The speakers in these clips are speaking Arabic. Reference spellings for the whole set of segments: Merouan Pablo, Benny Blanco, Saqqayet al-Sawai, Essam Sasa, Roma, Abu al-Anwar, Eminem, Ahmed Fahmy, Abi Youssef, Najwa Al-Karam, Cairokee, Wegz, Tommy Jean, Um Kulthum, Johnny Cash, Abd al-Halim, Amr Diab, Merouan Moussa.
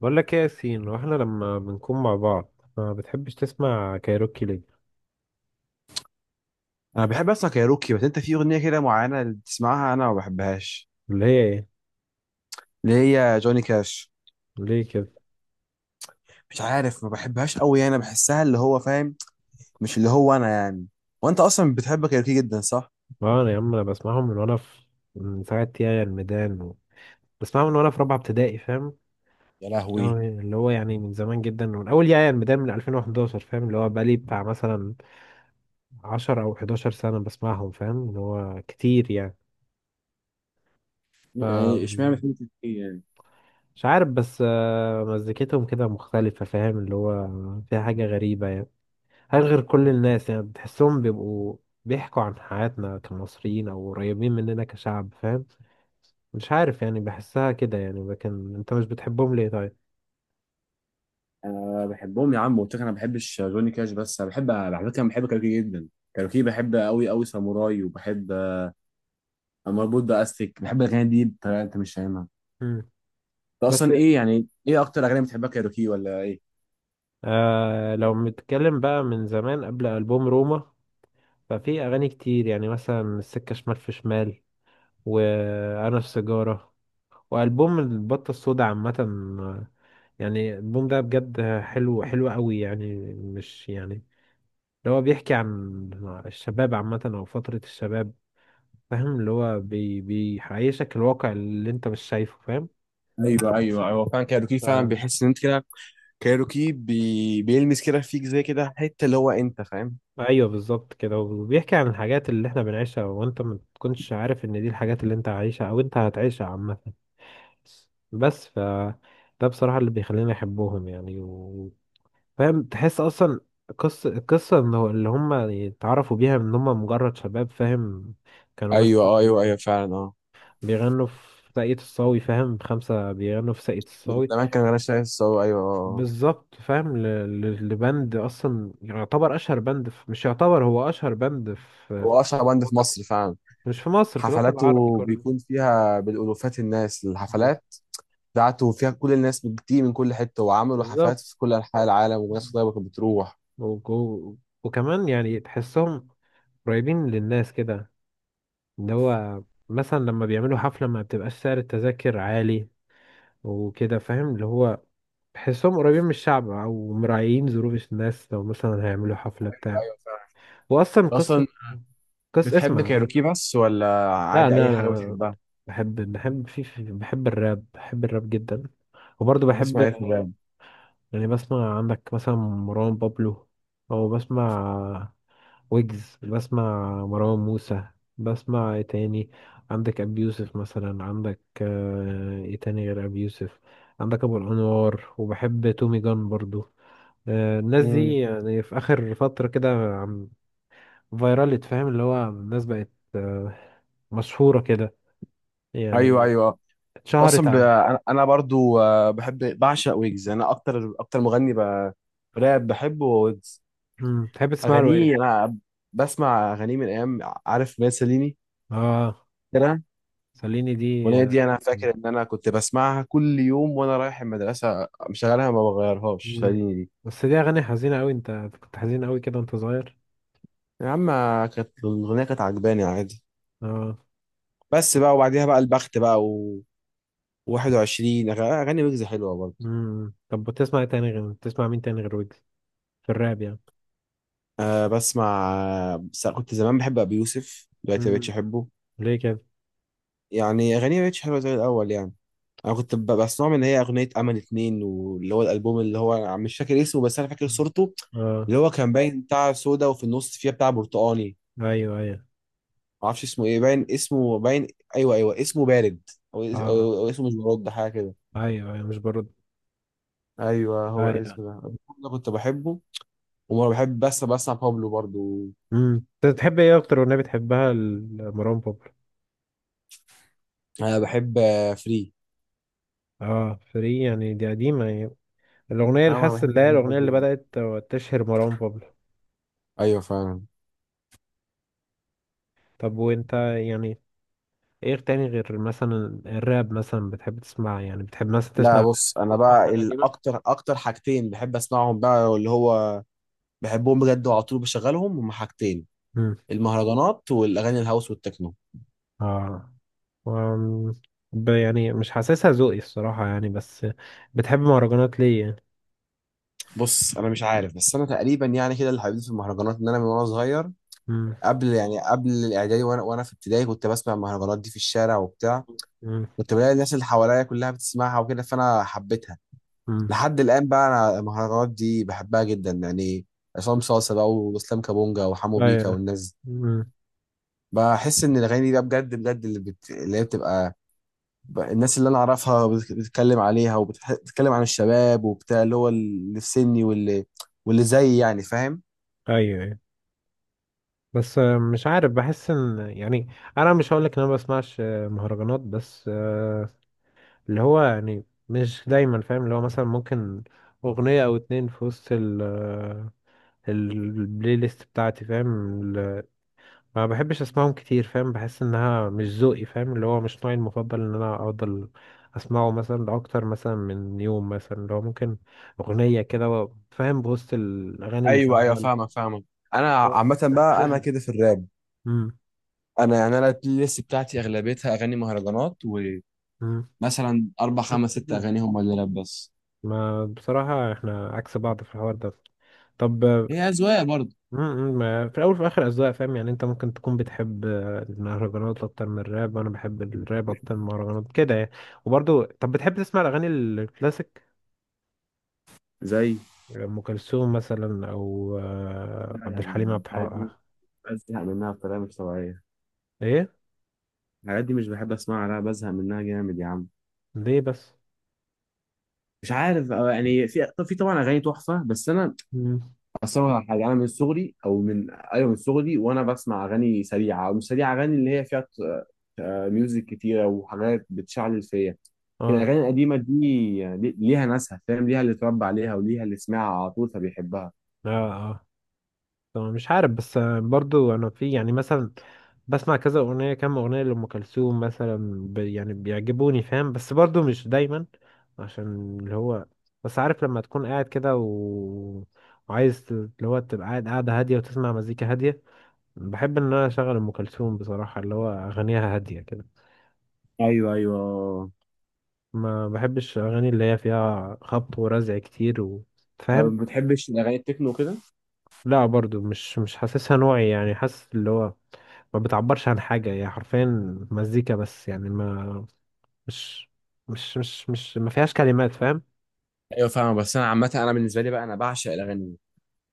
بقول لك ايه يا ياسين؟ واحنا لما بنكون مع بعض ما بتحبش تسمع كايروكي ليه؟ انا بحب اسمع كايروكي، بس انت في اغنيه كده معينه بتسمعها انا ما بحبهاش. اللي هي ايه؟ اللي هي جوني كاش. ليه كده؟ مش عارف، ما بحبهاش قوي. انا بحسها اللي هو فاهم، مش اللي هو انا يعني. وانت اصلا بتحب كايروكي جدا، صح؟ اه انا يا عم، انا بسمعهم من وانا في، من ساعه يا الميدان بسمعهم من وانا في رابعه ابتدائي، فاهم؟ اللي هو إيه؟ اللي هو يعني من زمان جدا، من اول يا الميدان، من 2011، فاهم؟ اللي هو بقالي بتاع مثلا 10 او 11 سنه بسمعهم، فاهم؟ اللي هو كتير يعني. ف مش عارف، بس آه، مزيكتهم كده مختلفه، فاهم؟ اللي هو فيها حاجه غريبه يعني. هل غير كل الناس يعني؟ بتحسهم بيبقوا بيحكوا عن حياتنا كمصريين او قريبين مننا كشعب، فاهم؟ مش عارف يعني، بحسها كده يعني. لكن انت مش بتحبهم ليه طيب؟ أنا بحبهم يا عم، مش جوني كاش بس. أنا بحب، على فكرة، أنا بحب جدا كاروكي. بحب، مربوط بأستك، بحب الأغاني دي بطريقة أنت مش فاهمها أنت. مم. بس أصلا إيه يعني، إيه أكتر أغاني بتحبها، كاروكي ولا إيه؟ آه لو بنتكلم بقى من زمان قبل ألبوم روما، ففي اغاني كتير يعني، مثلا السكة شمال في شمال، وانا في سيجارة، والبوم البطة السودا عامة. آه، يعني الالبوم ده بجد حلو، حلو قوي يعني، مش يعني، اللي هو بيحكي عن الشباب عامة أو فترة الشباب، فاهم؟ اللي هو بيعيشك الواقع اللي أنت مش شايفه، فاهم؟ ايوه ايوه ايوه، فعلا. كايروكي فعلا ف... بيحس ان انت كده. كايروكي بيلمس كده فيك زي كده حته اللي هو، انت فاهم. أيوه بالظبط كده، وبيحكي عن الحاجات اللي إحنا بنعيشها وأنت ما تكونش عارف إن دي الحاجات اللي أنت عايشها أو أنت هتعيشها عامة. بس ف ده بصراحة اللي بيخليني أحبهم يعني فاهم؟ تحس أصلا قصة القصة إنه اللي هم اتعرفوا بيها إن هم مجرد شباب، فاهم؟ كانوا بس ايوه، اه، ايوه ايوه، فعلا، اه. بيغنوا في ساقية الصاوي، فاهم؟ خمسة بيغنوا في ساقية من الصاوي. زمان، كان انا شايف الصاوي، ايوه، اه، آه. بالظبط، فاهم؟ لبند أصلا يعتبر أشهر بند في، مش يعتبر، هو أشهر بند في هو اشهر باند في الوطن. مصر فعلا. مش في مصر، في الوطن العربي حفلاته كله. بيكون فيها بالالوفات الناس. بس- الحفلات بتاعته فيها كل الناس بتيجي من كل حته، وعملوا بالظبط. حفلات في كل انحاء العالم، وناس طيبه كانت بتروح. وك- و- وكمان يعني تحسهم قريبين للناس كده، اللي هو مثلا لما بيعملوا حفلة ما بتبقاش سعر التذاكر عالي وكده، فاهم؟ اللي هو تحسهم قريبين من الشعب أو مراعيين ظروف الناس، لو مثلا هيعملوا حفلة بتاع. ايوه فعلا. واصلا قصه، اصلا قصه بتحب اسمع. كايروكي بس، ولا لا، عادي انا اي حاجه انا بتحبها؟ بحب، بحب الراب، بحب الراب جدا، وبرضه تسمع بحب. ايه في الراب؟ يعني بسمع عندك مثلا مروان بابلو، او بسمع ويجز، بسمع مروان موسى. بسمع ايه تاني؟ عندك ابي يوسف مثلا، عندك آه، ايه تاني غير ابي يوسف؟ عندك ابو الانوار، وبحب تومي جان برضو. آه، الناس دي امم. يعني في اخر فترة كده، عم- فيرالت، فاهم؟ اللي هو الناس بقت آه، مشهورة كده ايوه يعني، ايوه. اتشهرت ع... أنا برضو، بحب، بعشق ويجز. انا اكتر مغني راب بحبه هو ويجز. مم. تحب تسمع له ايه؟ اغانيه، انا بسمع اغانيه من ايام، عارف مين؟ سليني اه، كده. خليني دي. الاغنيه دي انا فاكر ان انا كنت بسمعها كل يوم وانا رايح المدرسه، مشغلها ما بغيرهاش، مم. سليني دي. بس دي اغاني حزينة قوي، انت كنت حزين قوي كده وانت صغير؟ يا عم، كانت الاغنيه كانت عجباني عادي. اه. بس بقى، وبعديها بقى البخت بقى، و 21 اغاني ويجز حلوه برضه. مم. طب بتسمع إيه تاني؟ غير بتسمع مين تاني غير ويجز في الراب يعني؟ أه بسمع. بس كنت زمان بحب ابي يوسف، دلوقتي مبقتش مم. احبه. ليه كده؟ يعني أغانيه مبقتش حلوة زي الأول يعني. أنا كنت بسمعهم، إن هي أغنية أمل اتنين، واللي هو الألبوم، اللي هو مش فاكر اسمه، بس أنا فاكر مم. صورته. اه، اللي هو كان باين بتاع سودا وفي النص فيها بتاع برتقاني. ايوه ايوه، معرفش اسمه إيه، باين اسمه، باين. أيوه أيوه، اسمه بارد. أو, اس- اه أو, أو اسمه، مش برد، حاجة كده. ايوه ايوه، مش برد. أيوه، هو ايوه. الاسم ده. أنا كنت بحبه. وما بحب، بس بسمع بابلو برضو. امم. انت بتحب ايه؟ اكتر اغنيه بتحبها لمروان بابلو؟ أنا بحب، فري. اه فري يعني، دي قديمه يعني. الأغنية اه، اللي انا حاسس بحب اللي هي اغاني الأغنية اللي بابلو. بدأت تشهر مروان بابلو. ايوه فعلا. طب وأنت يعني إيه تاني غير مثلا الراب؟ مثلا بتحب تسمع يعني، بتحب مثلا لا، تسمع بص، انا بقى أغاني قديمة؟ الاكتر، اكتر حاجتين بحب اسمعهم بقى اللي هو، بحبهم بجد وعلى طول بشغلهم، هما حاجتين: مم. المهرجانات، والاغاني الهاوس والتكنو. آه. وم- يعني مش حاسسها ذوقي الصراحة يعني، بس بتحب مهرجانات ليه يعني؟ بص، انا مش عارف، بس انا تقريبا يعني كده اللي حبيت في المهرجانات ان انا من وانا صغير، مم. قبل يعني قبل الاعدادي، وانا في ابتدائي كنت بسمع المهرجانات دي في الشارع وبتاع. مم. كنت بلاقي الناس اللي حواليا كلها بتسمعها وكده، فانا حبيتها. مم. لحد الان بقى، انا المهرجانات دي بحبها جدا يعني. عصام صاصا بقى، واسلام كابونجا، وحمو بيكا، أيوه. والناس. مم. بحس ان الاغاني دي بقى بجد بجد، اللي اللي هي بتبقى، الناس اللي انا اعرفها بتتكلم عليها، وبتتكلم عن الشباب وبتاع، اللي هو اللي في سني، واللي زيي يعني، فاهم. أيوه أيوه. بس آه، مش عارف بحس إن يعني، أنا مش هقولك إن أنا ما بسمعش آه، مهرجانات، بس آه، اللي هو يعني مش دايما، فاهم؟ اللي هو مثلا ممكن أغنية أو اتنين في وسط البلاي ليست بتاعتي، فاهم؟ ما بحبش أسمعهم كتير، فاهم؟ بحس إنها مش ذوقي، فاهم؟ اللي هو مش نوعي المفضل إن أنا أفضل أسمعه مثلا لأكتر مثلا من يوم، مثلا اللي هو ممكن أغنية كده فاهم؟ بوسط الأغاني اللي ايوه ايوه، شغالة. فاهمك فاهمك. انا عامه بقى انا كده في الراب. أمم، انا يعني انا البلاي ليست بتاعتي اغلبيتها اغاني مهرجانات. أمم. ومثلا اربع خمس ست اغاني هم اللي راب بس. ما بصراحة احنا عكس بعض في الحوار ده. طب هي اذواق برضه. امم، في الاول وفي الاخر اذواق، فاهم؟ يعني انت ممكن تكون بتحب آه، المهرجانات اكتر من الراب، وانا بحب الراب اكتر من المهرجانات كده يعني. وبرضه طب بتحب تسمع الاغاني الكلاسيك؟ زي. ام كلثوم مثلا، او آه، لا، عبد الحليم، يعني عبد الحاجات دي الحق. بزهق منها بطريقه مش طبيعيه. ايه؟ الحاجات دي مش بحب اسمعها، لا، بزهق منها جامد يا عم. ليه بس؟ مش عارف، أو يعني في، طب في طبعا اغاني تحفه، بس انا، امم. اصل أقول لك على حاجه: انا من صغري، او من، ايوه، من صغري وانا بسمع اغاني سريعه او مش سريعه، اغاني اللي هي فيها ميوزك كتيره وحاجات بتشعل فيا. لكن اه. الاغاني القديمه دي يعني ليها ناسها، فاهم، ليها اللي اتربى عليها، وليها اللي سمعها على طول فبيحبها. اه. اه طبعا. مش عارف بس آه، برضو انا في يعني مثلا بسمع كذا اغنيه، كام اغنيه لام كلثوم مثلا، ب يعني بيعجبوني، فاهم؟ بس برضو مش دايما، عشان اللي هو، بس عارف لما تكون قاعد كده وعايز اللي هو تبقى قاعد، قاعده هاديه وتسمع مزيكا هاديه، بحب ان انا اشغل ام كلثوم بصراحه، اللي هو اغانيها هاديه كده. ايوه ايوه. ما بحبش اغاني اللي هي فيها خبط ورزع كتير طب فاهم؟ ما بتحبش الاغاني التكنو كده؟ لا برضو، مش حاسسها نوعي يعني، حاسس اللي هو ما بتعبرش عن حاجة، هي حرفيا مزيكا بس يعني، ما مش مش مش مش ما فيهاش كلمات، فاهم؟ ايوه، فاهم. بس انا عامه انا بالنسبه لي بقى انا بعشق الاغاني.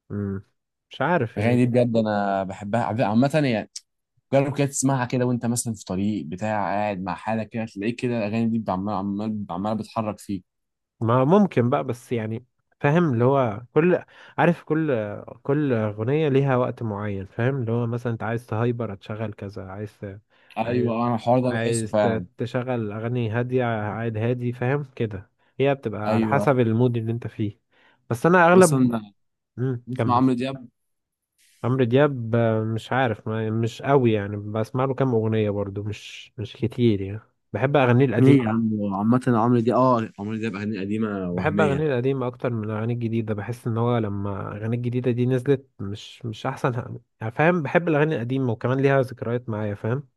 مم. مش عارف يعني. الاغاني دي بجد انا بحبها عامه يعني. جرب كده تسمعها كده وانت مثلا في طريق بتاع قاعد مع حالك كده، تلاقيك كده الاغاني دي عمال عمال عماله بتحرك فيك. ما ممكن بقى بس يعني، فاهم؟ اللي هو كل، عارف، كل أغنية ليها وقت معين، فاهم؟ اللي هو مثلا انت عايز تهايبر هتشغل كذا، عايز عايز ايوه، انا الحوار ده بحسه فعلا. تشغل أغاني هادية، عايد هادي، فاهم كده؟ هي بتبقى على ايوه. حسب المود اللي انت فيه. بس انا اغلب. اصلا مم. بنسمع كمل. عمرو دياب. عمرو دياب آه، مش عارف، مش قوي يعني، بسمع له كام اغنيه برضو، مش مش كتير يعني. بحب اغانيه القديمه. ليه يا عم؟ عامة عمرو دياب اغاني قديمة بحب اغانيه وهمية. القديمه اكتر من اغانيه الجديده. بحس ان هو لما اغانيه الجديده دي نزلت مش مش احسن، يعني فاهم؟ بحب الاغاني القديمه، وكمان ليها ذكريات معايا، فاهم؟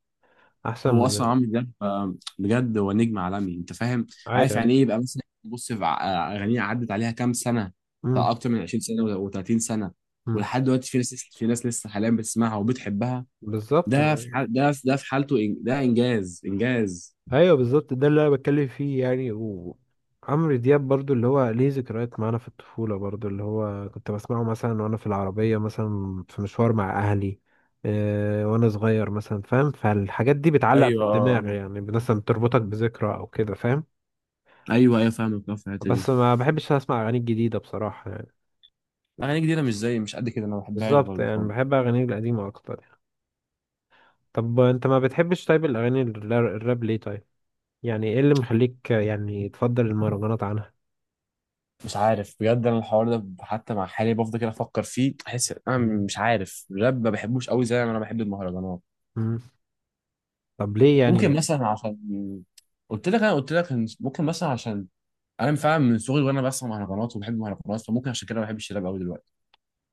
احسن هو اصلا من. عمرو دياب، بجد هو نجم عالمي انت فاهم. عارف ايوه. يعني ايه يبقى مثلا؟ بص، في اغانيه عدت عليها كام سنه، بتاع امم. اكتر من 20 سنه و30 سنه، أمم. ولحد دلوقتي في ناس، في ناس لسه حاليا بتسمعها وبتحبها. بالظبط. ده في حالته، ده انجاز انجاز. ايوه بالظبط، ده اللي انا بتكلم فيه يعني. وعمرو دياب برضو اللي هو ليه ذكريات معانا في الطفوله برضو، اللي هو كنت بسمعه مثلا وانا في العربيه مثلا، في مشوار مع اهلي آه، وانا صغير مثلا، فاهم؟ فالحاجات دي بتعلق في ايوه، الدماغ آه. يعني، مثلا بتربطك بذكرى او كده، فاهم؟ ايوه ايوه فاهمك، في الحته دي. بس ما بحبش اسمع اغاني جديده بصراحه يعني. اغاني جديده مش زي، مش قد كده انا ما بحبهاش بالظبط برضه يعني، خالص. بحب اغاني القديمه اكتر يعني. طب انت ما بتحبش طيب الاغاني الراب ليه طيب؟ يعني ايه اللي مخليك يعني تفضل المهرجانات عنها؟ مش عارف بجد، انا الحوار ده حتى مع حالي بفضل كده افكر فيه، احس انا مش عارف الراب ما بحبوش قوي زي ما انا بحب المهرجانات. مم. طب ليه ممكن يعني؟ مثلا عشان، قلت لك، انا قلت لك إن ممكن مثلا عشان انا فعلا من صغري وانا بسمع مهرجانات وبحب المهرجانات، فممكن عشان كده ما بحبش الراب قوي دلوقتي.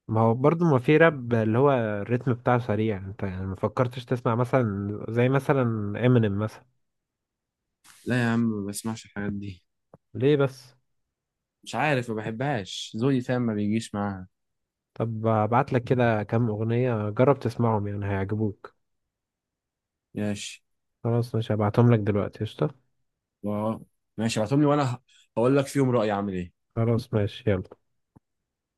ما هو برضه ما في راب اللي هو الريتم بتاعه سريع، انت يعني ما فكرتش تسمع مثلا زي مثلا امينيم مثلا؟ لا يا عم، ما بسمعش الحاجات دي. ليه بس؟ مش عارف، ما بحبهاش، ذوقي فاهم، ما بيجيش معاها. طب ابعت لك كده كام اغنية، جرب تسمعهم يعني هيعجبوك. ماشي. خلاص ماشي، هبعتهم لك دلوقتي، قشطة. و- ماشي ابعتهم لي وانا هقول لك فيهم رأيي عامل ايه. خلاص ماشي، يلا.